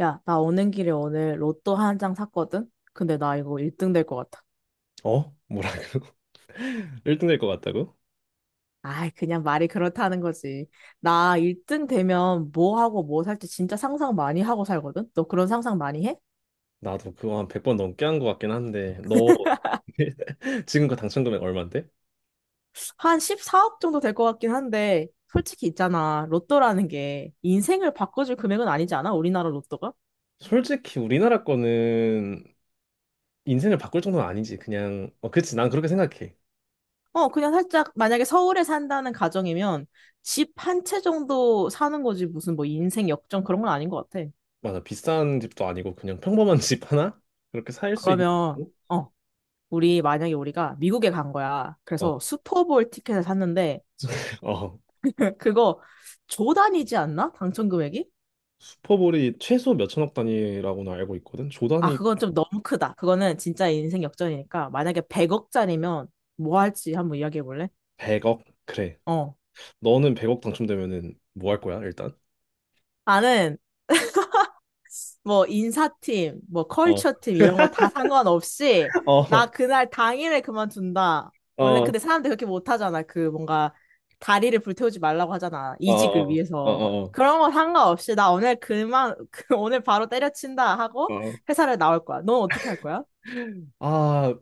야, 나 오는 길에 오늘 로또 한 장 샀거든? 근데 나 이거 1등 될 것 같아. 어? 뭐라고? 1등 될 것 같다고? 아이, 그냥 말이 그렇다는 거지. 나 1등 되면 뭐 하고 뭐 살지 진짜 상상 많이 하고 살거든? 너 그런 상상 많이 해? 나도 그거 한 100번 넘게 한 것 같긴 한데 너 지금 그 당첨 금액 얼마인데? 한 14억 정도 될 것 같긴 한데, 솔직히 있잖아. 로또라는 게 인생을 바꿔줄 금액은 아니지 않아? 우리나라 로또가? 솔직히 우리나라 거는 인생을 바꿀 정도는 아니지. 그냥 그치. 난 그렇게 생각해. 어, 그냥 살짝, 만약에 서울에 산다는 가정이면 집 한 채 정도 사는 거지. 무슨 뭐 인생 역전 그런 건 아닌 것 같아. 맞아, 비싼 집도 아니고 그냥 평범한 집 하나? 그렇게 살 수 있는 그러면, 정도? 어 우리 만약에 우리가 미국에 간 거야. 그래서 어, 슈퍼볼 티켓을 샀는데 어. 그거 조 단위지 않나? 당첨 금액이? 슈퍼볼이 최소 몇천억 단위라고는 알고 있거든. 조 아, 단위. 그건 좀 너무 크다. 그거는 진짜 인생 역전이니까 만약에 100억짜리면 뭐 할지 한번 이야기해 볼래? 100억? 그래. 어. 너는 100억 당첨되면은 뭐 할 거야, 일단? 나는 뭐 인사팀, 뭐 어, 컬처팀 이런 거 다 상관없이 어, 나 그날 당일에 그만둔다. 어, 원래 근데 어, 사람들이 그렇게 못하잖아. 그 뭔가 다리를 불태우지 말라고 하잖아. 어, 이직을 어, 어, 위해서. 어. 그런 거 상관없이 나 오늘 그만 그 오늘 바로 때려친다 하고 어. 회사를 나올 거야. 넌 어떻게 할 거야? 아,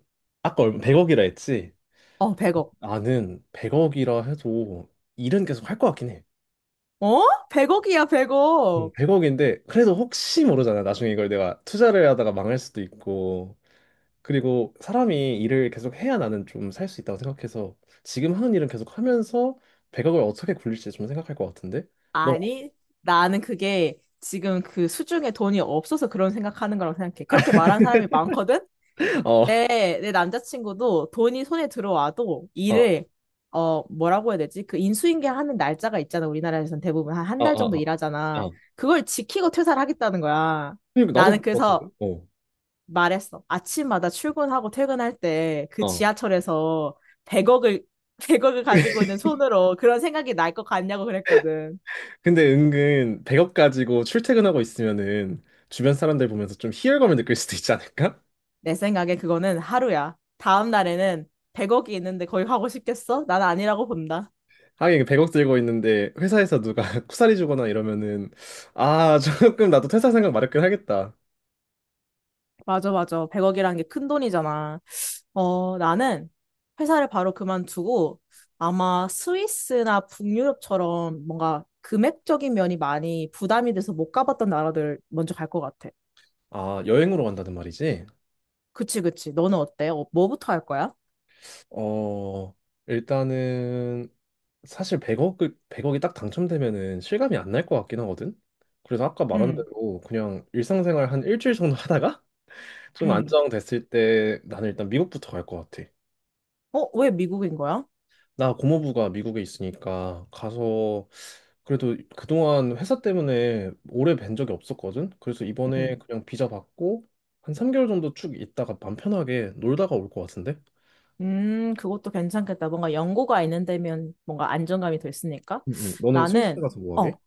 아까 얼마 100억이라 했지? 어, 100억. 나는 100억이라 해도 일은 계속 할 것 같긴 해. 어? 100억이야, 100억. 100억인데 그래도 혹시 모르잖아. 나중에 이걸 내가 투자를 하다가 망할 수도 있고. 그리고 사람이 일을 계속 해야 나는 좀 살 수 있다고 생각해서 지금 하는 일은 계속 하면서 100억을 어떻게 굴릴지 좀 생각할 것 같은데? 너 아니, 나는 그게 지금 그 수중에 돈이 없어서 그런 생각하는 거라고 생각해. 그렇게 말한 사람이 많거든? 어, 내 남자친구도 돈이 손에 들어와도 어, 일을, 어, 뭐라고 해야 되지? 그 인수인계하는 날짜가 있잖아. 우리나라에서는 대부분 한 한 어, 달 어, 정도 어. 일하잖아. 어. 그걸 지키고 퇴사를 하겠다는 거야. 그리고 나도 나는 그럴 것 같은데? 그래서 어, 말했어. 아침마다 출근하고 퇴근할 때 그 어. 지하철에서 100억을, 100억을 가지고 있는 손으로 그런 생각이 날 것 같냐고 그랬거든. 근데 은근 100억 가지고 출퇴근하고 있으면은 주변 사람들 보면서 좀 희열감을 느낄 수도 있지 않을까? 내 생각에 그거는 하루야. 다음 날에는 100억이 있는데 거기 가고 싶겠어? 난 아니라고 본다. 하긴 100억 들고 있는데 회사에서 누가 쿠사리 주거나 이러면은 아, 조금 나도 퇴사 생각 마렵긴 하겠다. 맞아, 맞아. 100억이라는 게 큰 돈이잖아. 어, 나는 회사를 바로 그만두고 아마 스위스나 북유럽처럼 뭔가 금액적인 면이 많이 부담이 돼서 못 가봤던 나라들 먼저 갈 것 같아. 아, 여행으로 간다는 말이지? 그치, 그치. 너는 어때? 어, 뭐부터 할 거야? 어, 일단은 사실 100억 100억이 딱 당첨되면은 실감이 안 날 것 같긴 하거든. 그래서 아까 말한 응, 대로 그냥 일상생활 한 일주일 정도 하다가 좀 응. 안정됐을 때 나는 일단 미국부터 갈 것 같아. 어, 왜 미국인 거야? 나 고모부가 미국에 있으니까 가서 그래도 그동안 회사 때문에 오래 뵌 적이 없었거든. 그래서 이번에 응. 그냥 비자 받고 한 3개월 정도 쭉 있다가 맘 편하게 놀다가 올 것 같은데? 그것도 괜찮겠다. 뭔가 연고가 있는 데면 뭔가 안정감이 더 있으니까. 응, 응. 너는 스위스 나는, 가서 뭐 하게? 어,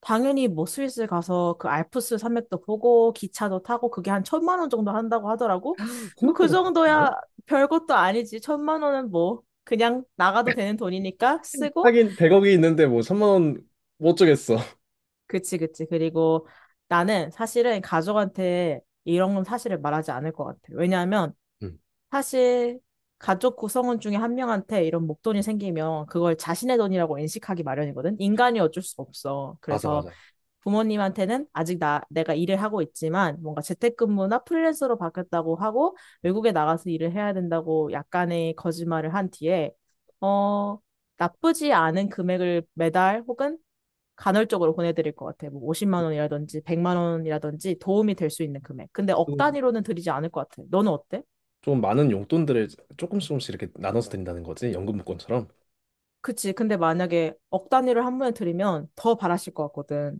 당연히 뭐 스위스 가서 그 알프스 산맥도 보고 기차도 타고 그게 한 천만 원 정도 한다고 하더라고. 뭐 그 생각보다 괜찮네. 정도야 별것도 아니지. 천만 원은 뭐 그냥 나가도 되는 돈이니까 쓰고. 하긴 100억이 있는데 뭐 3만 원 못 주겠어. 그치, 그치. 그리고 나는 사실은 가족한테 이런 건 사실을 말하지 않을 것 같아. 왜냐하면 응, 사실 가족 구성원 중에 한 명한테 이런 목돈이 생기면 그걸 자신의 돈이라고 인식하기 마련이거든. 인간이 어쩔 수 없어. 맞아, 그래서 맞아. 부모님한테는 아직 내가 일을 하고 있지만 뭔가 재택근무나 프리랜서로 바뀌었다고 하고 외국에 나가서 일을 해야 된다고 약간의 거짓말을 한 뒤에 어, 나쁘지 않은 금액을 매달 혹은 간헐적으로 보내드릴 것 같아. 뭐 50만 원이라든지 100만 원이라든지 도움이 될 수 있는 금액. 근데 억 좀, 단위로는 드리지 않을 것 같아. 너는 어때? 좀 많은 용돈들을 조금씩 조금씩 이렇게 나눠서 드린다는 거지. 연금 복권처럼. 그치. 근데 만약에 억 단위를 한 번에 드리면 더 바라실 것 같거든.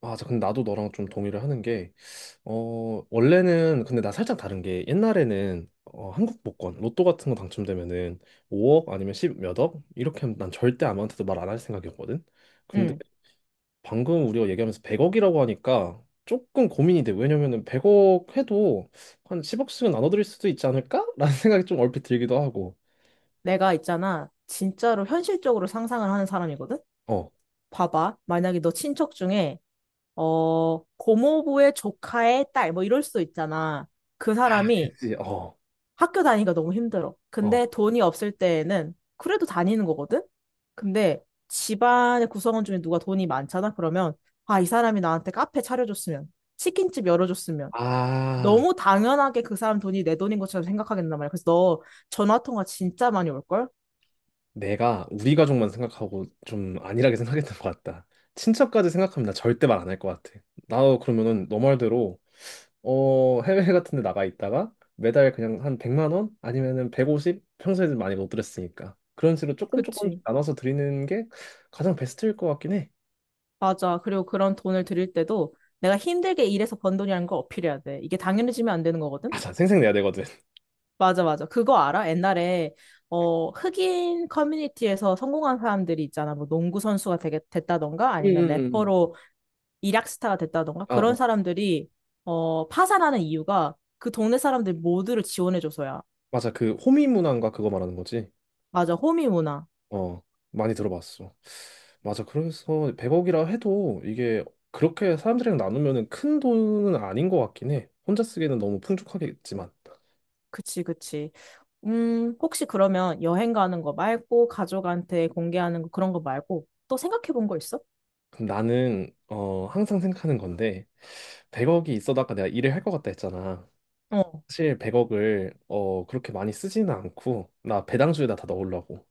맞아, 근데 나도 너랑 좀 동의를 하는 게, 원래는, 근데 나 살짝 다른 게, 옛날에는, 한국 복권, 로또 같은 거 당첨되면은 5억 아니면 10 몇억? 이렇게 하면 난 절대 아무한테도 말 안 할 생각이었거든? 근데 응. 방금 우리가 얘기하면서 100억이라고 하니까 조금 고민이 돼. 왜냐면은 100억 해도 한 10억씩은 나눠드릴 수도 있지 않을까? 라는 생각이 좀 얼핏 들기도 하고. 내가 있잖아. 진짜로 현실적으로 상상을 하는 사람이거든. 어, 봐봐. 만약에 너 친척 중에, 어, 고모부의 조카의 딸, 뭐 이럴 수도 있잖아. 그 사람이 그치, 어, 학교 다니기가 너무 힘들어. 어. 근데 돈이 없을 때에는 그래도 다니는 거거든? 근데 집안의 구성원 중에 누가 돈이 많잖아? 그러면, 아, 이 사람이 나한테 카페 차려줬으면, 치킨집 열어줬으면, 아, 너무 당연하게 그 사람 돈이 내 돈인 것처럼 생각하겠단 말이야. 그래서 너 전화통화 진짜 많이 올걸? 내가 우리 가족만 생각하고 좀 안일하게 생각했던 것 같다. 친척까지 생각하면 나 절대 말 안 할 것 같아. 나도 그러면은 너 말대로 해외 같은 데 나가 있다가 매달 그냥 한 100만 원 아니면은 150, 평소에는 많이 못 드렸으니까 그런 식으로 조금 조금 그치. 나눠서 드리는 게 가장 베스트일 것 같긴 해. 맞아. 그리고 그런 돈을 드릴 때도 내가 힘들게 일해서 번 돈이라는 걸 어필해야 돼. 이게 당연해지면 안 되는 거거든? 맞 아, 생색 내야 되거든. 맞아, 맞아. 그거 알아? 옛날에, 어, 흑인 커뮤니티에서 성공한 사람들이 있잖아. 뭐 농구 선수가 되게 됐다던가 음, 아니면 음, 음. 래퍼로 일약스타가 됐다던가 아, 그런 어. 사람들이, 어, 파산하는 이유가 그 동네 사람들 모두를 지원해줘서야. 맞아. 그 호미 문화인가 그거 말하는 거지. 맞아. 호미 문화. 어, 많이 들어봤어. 맞아. 그래서 100억이라 해도 이게 그렇게 사람들이랑 나누면은 큰 돈은 아닌 것 같긴 해. 혼자 쓰기에는 너무 풍족하겠지만. 그치, 그치. 혹시 그러면 여행 가는 거 말고 가족한테 공개하는 거 그런 거 말고 또 생각해 본 거 있어? 그럼 나는 항상 생각하는 건데 100억이 있어도 아까 내가 일을 할 것 같다 했잖아. 어. 사실 100억을 그렇게 많이 쓰지는 않고 나 배당주에다 다 넣으려고.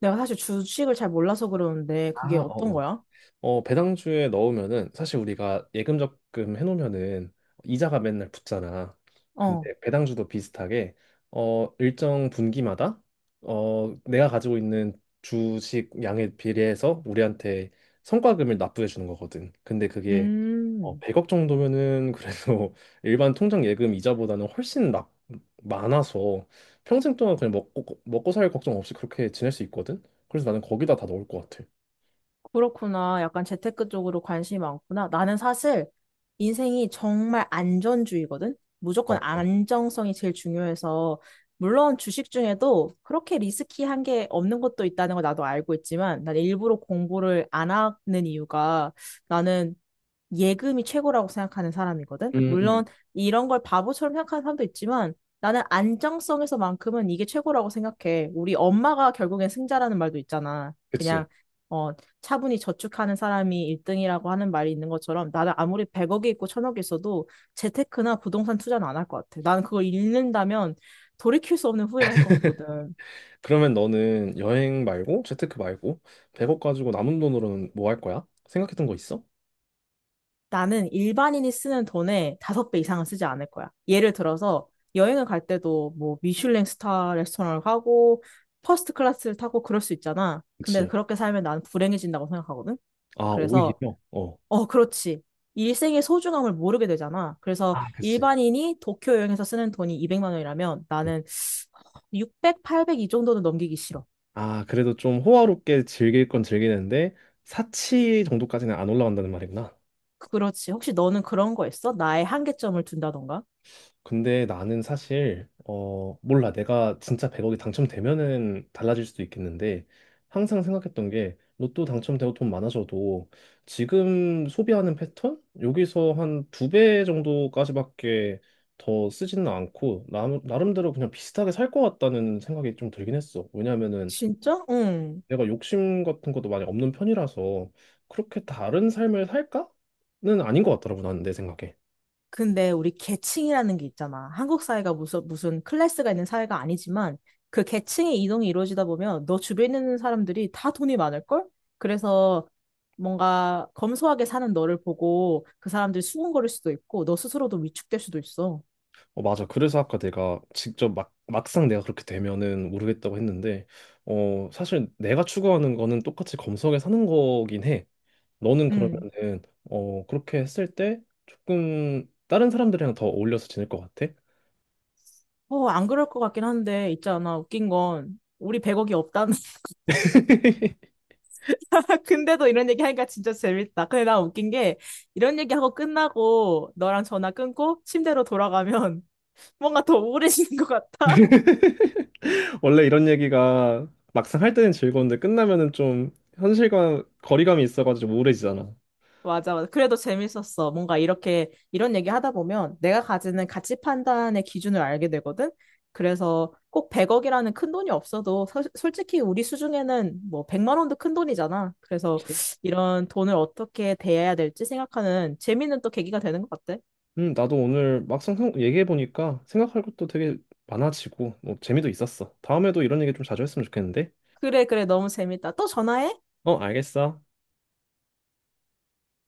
내가 사실 주식을 잘 몰라서 그러는데 아, 그게 어떤 어어. 거야? 어, 배당주에 넣으면은 사실 우리가 예금 적금 해놓으면은 이자가 맨날 붙잖아. 어. 근데 배당주도 비슷하게 일정 분기마다 내가 가지고 있는 주식 양에 비례해서 우리한테 성과금을 납부해 주는 거거든. 근데 그게, 음, 100억 정도면은 그래도 일반 통장 예금 이자보다는 훨씬 많아서 평생 동안 그냥 먹고 살 걱정 없이 그렇게 지낼 수 있거든. 그래서 나는 거기다 다 넣을 것 같아. 그렇구나. 약간 재테크 쪽으로 관심이 많구나. 나는 사실 인생이 정말 안전주의거든? 무조건 어. 안정성이 제일 중요해서, 물론 주식 중에도 그렇게 리스키한 게 없는 것도 있다는 걸 나도 알고 있지만, 난 일부러 공부를 안 하는 이유가 나는 예금이 최고라고 생각하는 사람이거든. 음, 음. 물론 이런 걸 바보처럼 생각하는 사람도 있지만 나는 안정성에서만큼은 이게 최고라고 생각해. 우리 엄마가 결국엔 승자라는 말도 있잖아. 그치. 그냥 어, 차분히 저축하는 사람이 1등이라고 하는 말이 있는 것처럼 나는 아무리 100억이 있고 1000억이 있어도 재테크나 부동산 투자는 안 할 것 같아. 나는 그걸 잃는다면 돌이킬 수 없는 후회를 할 것 같거든. 그러면 너는 여행 말고 재테크 말고 100억 가지고 남은 돈으로는 뭐 할 거야? 생각했던 거 있어? 나는 일반인이 쓰는 돈의 다섯 배 이상은 쓰지 않을 거야. 예를 들어서 여행을 갈 때도 뭐 미슐랭 스타 레스토랑을 가고 퍼스트 클래스를 타고 그럴 수 있잖아. 근데 그치. 그렇게 살면 나는 불행해진다고 생각하거든. 아, 그래서 오히려? 어. 어, 그렇지. 일생의 소중함을 모르게 되잖아. 그래서 아, 그치. 일반인이 도쿄 여행에서 쓰는 돈이 200만 원이라면 음. 나는 600, 800 이 정도는 넘기기 싫어. 아, 그래도 좀 호화롭게 즐길 건 즐기는데 사치 정도까지는 안 올라간다는 말이구나. 그렇지. 혹시 너는 그런 거 있어? 나의 한계점을 둔다던가? 근데 나는 사실 몰라. 내가 진짜 100억이 당첨되면은 달라질 수도 있겠는데 항상 생각했던 게 로또 당첨되고 돈 많아져도 지금 소비하는 패턴 여기서 한 두 배 정도까지밖에 더 쓰지는 않고 나름대로 그냥 비슷하게 살 것 같다는 생각이 좀 들긴 했어. 왜냐면은 진짜? 응. 내가 욕심 같은 것도 많이 없는 편이라서 그렇게 다른 삶을 살까는 아닌 것 같더라고. 나는 내 생각에. 근데 우리 계층이라는 게 있잖아. 한국 사회가 무슨 클래스가 있는 사회가 아니지만 그 계층의 이동이 이루어지다 보면 너 주변에 있는 사람들이 다 돈이 많을걸? 그래서 뭔가 검소하게 사는 너를 보고 그 사람들이 수군거릴 수도 있고 너 스스로도 위축될 수도 있어. 어, 맞아. 그래서 아까 내가 직접 막상 내가 그렇게 되면은 모르겠다고 했는데, 어, 사실 내가 추구하는 거는 똑같이 검색에 사는 거긴 해. 너는 음. 그러면은, 그렇게 했을 때 조금 다른 사람들이랑 더 어울려서 지낼 것 같아? 어, 안 그럴 것 같긴 한데 있잖아. 웃긴 건 우리 100억이 없다는 근데도 이런 얘기 하니까 진짜 재밌다. 근데 나 웃긴 게 이런 얘기하고 끝나고 너랑 전화 끊고 침대로 돌아가면 뭔가 더 오래 지는 것 같아. 원래 이런 얘기가 막상 할 때는 즐거운데 끝나면은 좀 현실과 거리감이 있어가지고 우울해지잖아. 맞아, 맞아. 그래도 재밌었어. 뭔가 이렇게, 이런 얘기 하다 보면 내가 가지는 가치 판단의 기준을 알게 되거든? 그래서 꼭 100억이라는 큰 돈이 없어도 솔직히 우리 수중에는 뭐 100만 원도 큰 돈이잖아. 그래서 그치? 이런 돈을 어떻게 대해야 될지 생각하는 재미는 또 계기가 되는 것 같아. 나도 오늘 막상 얘기해보니까 생각할 것도 되게 많아지고, 뭐, 재미도 있었어. 다음에도 이런 얘기 좀 자주 했으면 좋겠는데. 그래, 그래. 너무 재밌다. 또 전화해. 어, 알겠어.